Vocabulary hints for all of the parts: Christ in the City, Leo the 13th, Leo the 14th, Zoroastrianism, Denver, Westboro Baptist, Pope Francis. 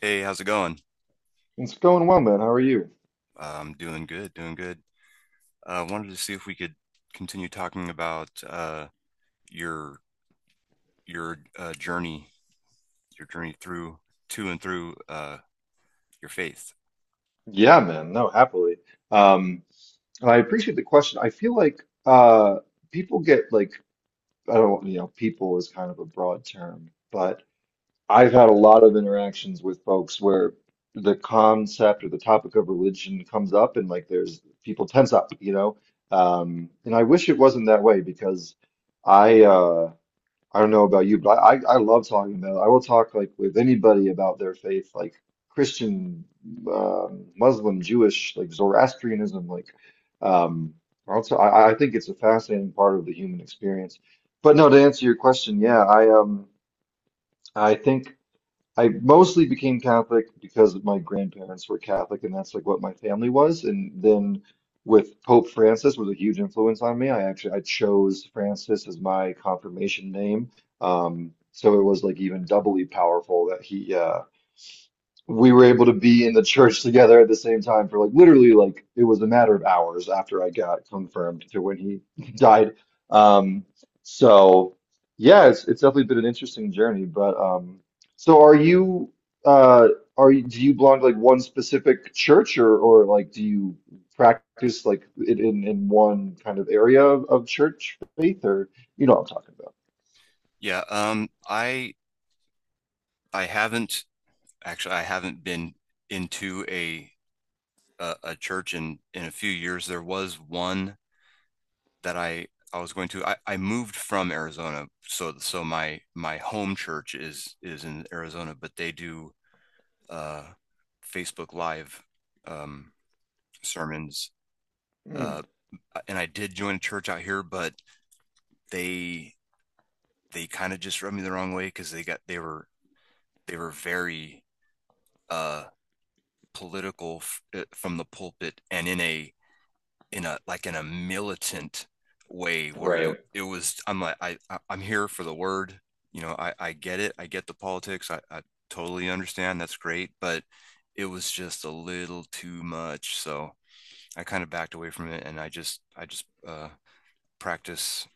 Hey, how's it going? It's going well, man. How are you? I'm doing good, doing good. Wanted to see if we could continue talking about your your journey, your journey through to and through your faith. Yeah, man. No, happily. Um, and I appreciate the question. I feel like people get like, I don't, people is kind of a broad term, but I've had a lot of interactions with folks where the concept or the topic of religion comes up and like there's people tense up, you know? And I wish it wasn't that way because I uh I don't know about you, but I love talking about it. I will talk like with anybody about their faith, like Christian, Muslim, Jewish, like Zoroastrianism, um, also I think it's a fascinating part of the human experience. But no, to answer your question, yeah, I think. I mostly became Catholic because my grandparents were Catholic, and that's like what my family was. And then with Pope Francis was a huge influence on me. I actually I chose Francis as my confirmation name. So it was like even doubly powerful that he we were able to be in the church together at the same time for like literally like it was a matter of hours after I got confirmed to when he died. Um, so yeah, it's definitely been an interesting journey. But so are you uh are you, do you belong to like one specific church, or like do you practice like in one kind of area of church faith, or you know what I'm talking about? Yeah, um, I I haven't actually I haven't been Into a church in a few years. There was one that I was going to. I moved from Arizona, so my home church is in Arizona, but they do uh, Facebook Live um, sermons. Mm. Uh, and I did join a church out here, but they they kind of just rubbed me the wrong way because they were very uh, political from the pulpit and in a militant way where it Right. it was I'm like I I'm here for the word. You know, I get it. I get the politics. I totally understand. That's great, but it was just a little too much. So I kind of backed away from it, and I just practice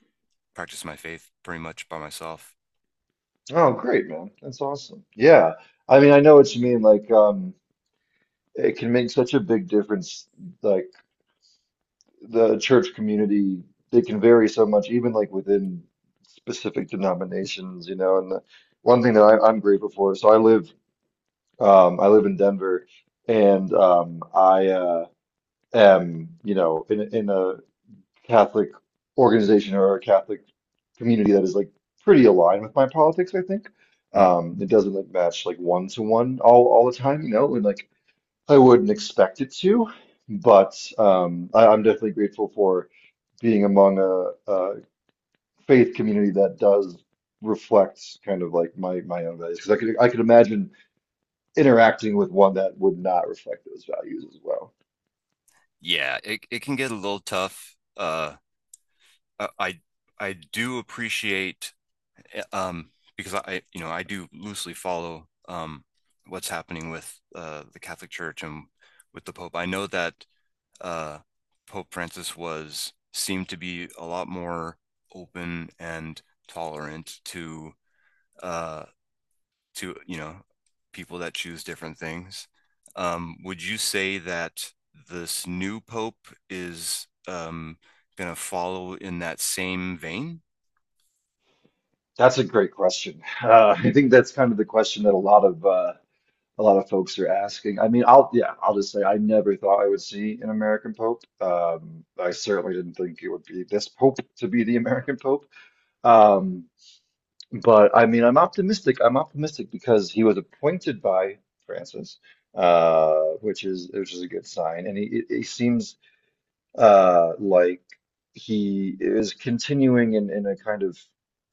practice my faith pretty much by myself. Oh, great, man. That's awesome. Yeah. I mean, I know what you mean. Like, it can make such a big difference. Like, the church community, they can vary so much, even like within specific denominations, you know. One thing that I'm grateful for, so I live in Denver, and I am, you know, in, in a Catholic organization or a Catholic community that is like pretty aligned with my politics, I think. Hmm. It doesn't like match like one to one all the time, you know, and like I wouldn't expect it to, but I'm definitely grateful for being among a faith community that does reflect kind of like my own values because I could imagine interacting with one that would not reflect those values as well. Yeah, it can get a little tough. I do appreciate because I, you know, I do loosely follow what's happening with the Catholic Church and with the Pope. I know that uh, Pope Francis was seemed to be a lot more open and tolerant to uh, to, you know, people that choose different things. Would you say that this new pope is gonna follow in that same vein? That's a great question. I think that's kind of the question that a lot of folks are asking. I mean, I'll just say I never thought I would see an American Pope. I certainly didn't think it would be this Pope to be the American Pope. Um, but I mean, I'm optimistic. I'm optimistic because he was appointed by Francis, uh, which is a good sign, and he seems like he is continuing in a kind of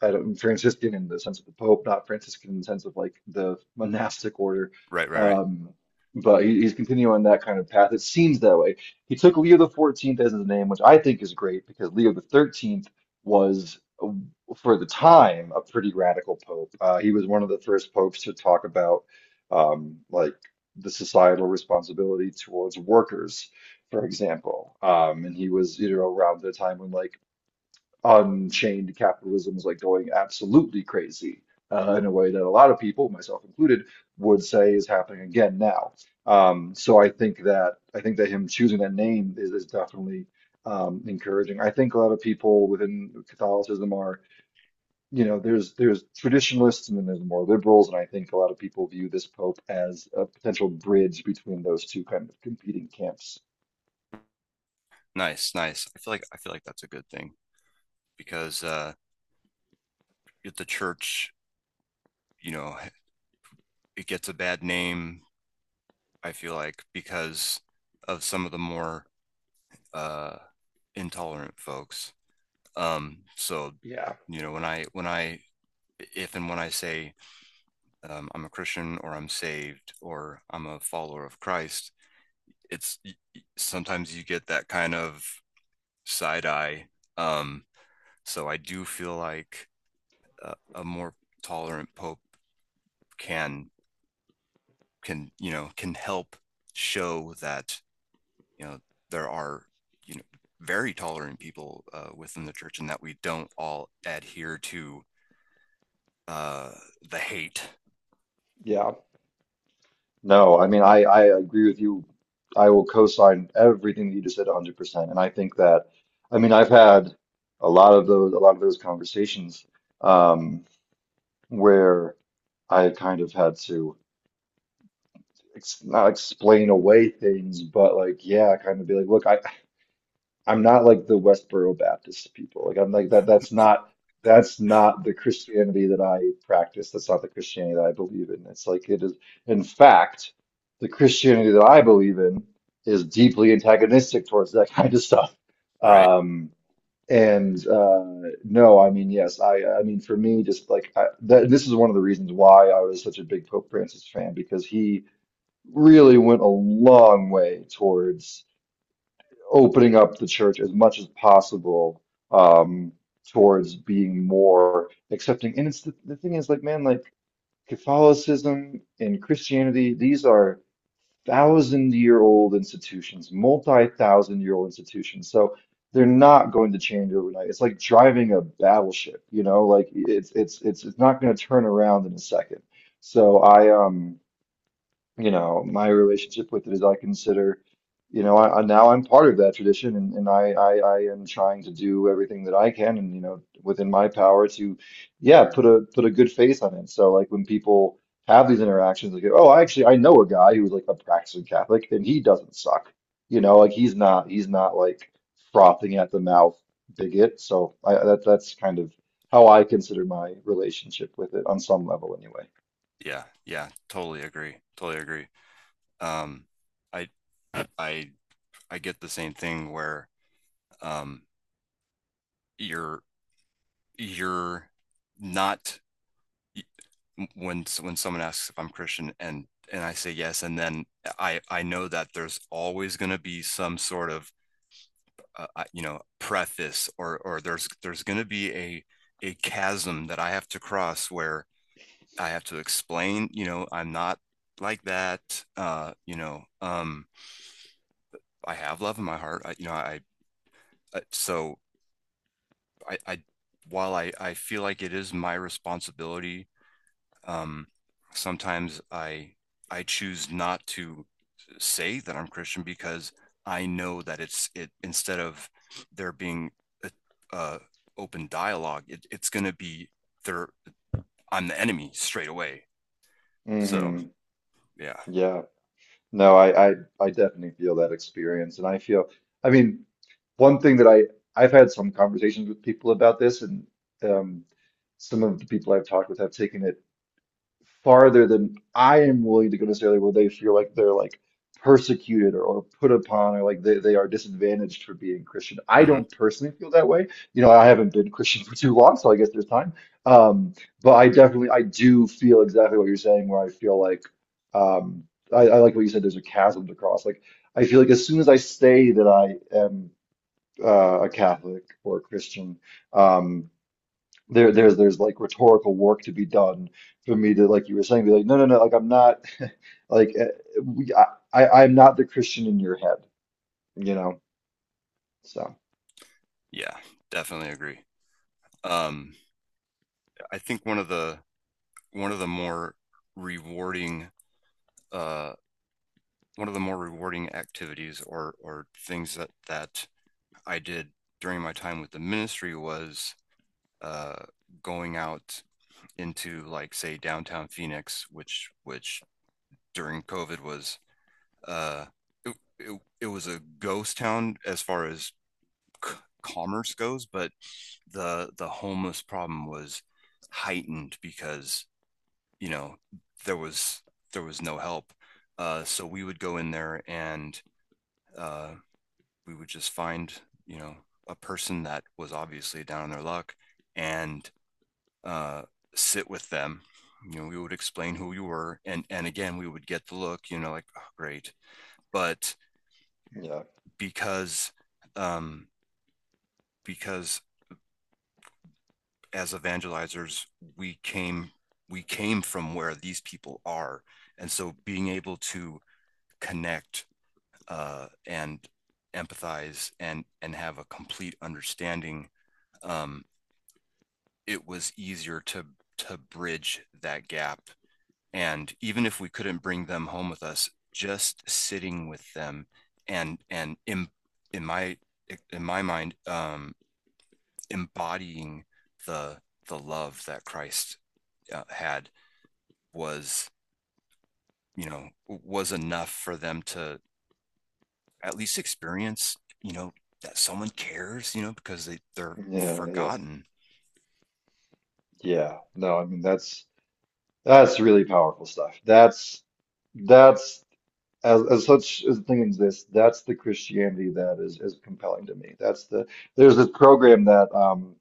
I don't, Franciscan in the sense of the Pope, not Franciscan in the sense of like the monastic order. Right, right, right. Um, but he's continuing on that kind of path. It seems that way. He took Leo the 14th as his name, which I think is great because Leo the 13th was for the time a pretty radical pope. He was one of the first popes to talk about like the societal responsibility towards workers, for example. And he was, you know, around the time when like unchained capitalism was like going absolutely crazy, in a way that a lot of people, myself included, would say is happening again now. So I think that him choosing that name is definitely encouraging. I think a lot of people within Catholicism are, you know, there's traditionalists and then there's more liberals, and I think a lot of people view this pope as a potential bridge between those two kind of competing camps. Nice, nice. I feel like that's a good thing because if the church, you know, it gets a bad name. I feel like because of some of the more uh, intolerant folks. So, Yeah, you know, when I if and when I say I'm a Christian or I'm saved or I'm a follower of Christ. It's sometimes you get that kind of side eye. Um, so I do feel like a more tolerant Pope can can, you know, can help show that, you know, there are, you know, very tolerant people within the church and that we don't all adhere to uh, the hate. yeah. No, I mean, I agree with you. I will co-sign everything that you just said 100%. And I think that, I mean, I've had a lot of those conversations, um, where I kind of had to ex, not explain away things, but like, yeah, kind of be like, look, I. I'm not like the Westboro Baptist people. Like I'm like that. That's not the Christianity that I practice. That's not the Christianity that I believe in. It's like it is. In fact, the Christianity that I believe in is deeply antagonistic towards that kind of stuff. Right? Um, and no, I mean yes, I mean for me, just like this is one of the reasons why I was such a big Pope Francis fan because he really went a long way towards opening up the church as much as possible, um, towards being more accepting. And it's the thing is, like, man, like Catholicism and Christianity, these are thousand year old institutions, multi-thousand year old institutions. So they're not going to change overnight. It's like driving a battleship, you know, like it's not going to turn around in a second. So I you know, my relationship with it is I consider, you know, I now I'm part of that tradition, and, and I am trying to do everything that I can, and you know, within my power to yeah put a put a good face on it. So like when people have these interactions, like oh, I actually I know a guy who's like a practicing Catholic and he doesn't suck. You know, like he's not like frothing at the mouth bigot. So I that that's kind of how I consider my relationship with it on some level anyway. Yeah. Yeah. Totally agree. Totally agree. um i i I get the same thing where um you're you're not when when someone asks if I'm Christian and I say yes and then I know that there's always going to be some sort of you know preface or there's going to be a chasm that I have to cross where I have to explain, you know, I'm not like that, you know, I have love in my heart. I, you know I so I while I feel like it is my responsibility, um, sometimes I choose not to say that I'm Christian because I know that it's it instead of there being a, a open dialogue, it's going to be there. I'm the enemy straight away. So Hmm. yeah. Yeah. No, I definitely feel that experience, and I feel, I mean, one thing that I, I've had some conversations with people about this, and um, some of the people I've talked with have taken it farther than I am willing to go necessarily where they feel like they're like persecuted or put upon or like they are disadvantaged for being Christian. I Mhm. don't personally feel that way. You know, I haven't been Christian for too long, so I guess there's time. Um, but I definitely I do feel exactly what you're saying where I feel like um I like what you said, there's a chasm to cross. Like I feel like as soon as I say that I am a Catholic or a Christian, um there's like rhetorical work to be done for me to, like you were saying, be like no no no, like I'm not like we, I, I'm not the Christian in your head, you know, so Yeah, definitely agree. Um, I think one of the more rewarding uh, one of the more rewarding activities or things that that I did during my time with the ministry was uh, going out into, like, say, downtown Phoenix, which during COVID was uh, it was a ghost town as far as c- commerce goes, but the homeless problem was heightened because, you know, there was there was no help. So we would go in there and uh, we would just find, you know, a person that was obviously down on their luck and uh, sit with them, you know, we would explain who we were, and again we would get the look, you know, like, oh, great, but yeah, because um because as evangelizers we came we came from where these people are, and so being able to connect and empathize and have a complete understanding, um it was easier to bridge that gap. And even if we couldn't bring them home with us, just sitting with them and in my in my mind, embodying the the love that Christ had was, you know, was enough for them to at least experience, you know, that someone cares, you know, because they they're yeah, yeah, forgotten. yeah, no I mean that's really powerful stuff, that's as such as the thing exists that's the Christianity that is compelling to me, that's the, there's this program that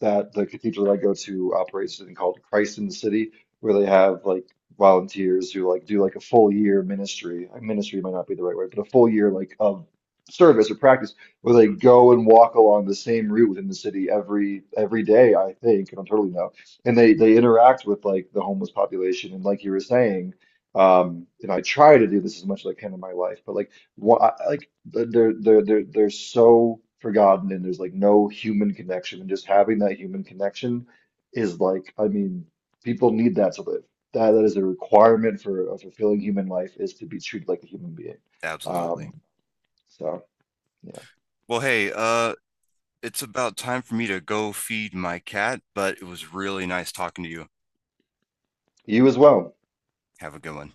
that the cathedral that I go to operates, something called Christ in the City, where they have like volunteers who like do like a full year ministry. Ministry might not be the right word, but a full year like of service or practice where they go and walk along the same route within the city every day, I think, and I'm totally no. And they interact with like the homeless population, and like you were saying, and I try to do this as much as I can in my life, but like what they're so forgotten, and there's like no human connection, and just having that human connection is like, I mean, people need that to live, that that is a requirement for a fulfilling human life, is to be treated like a human being. Absolutely. Um so yeah, Well, hey, it's about time for me to go feed my cat, but it was really nice talking to you. you as well. Have a good one.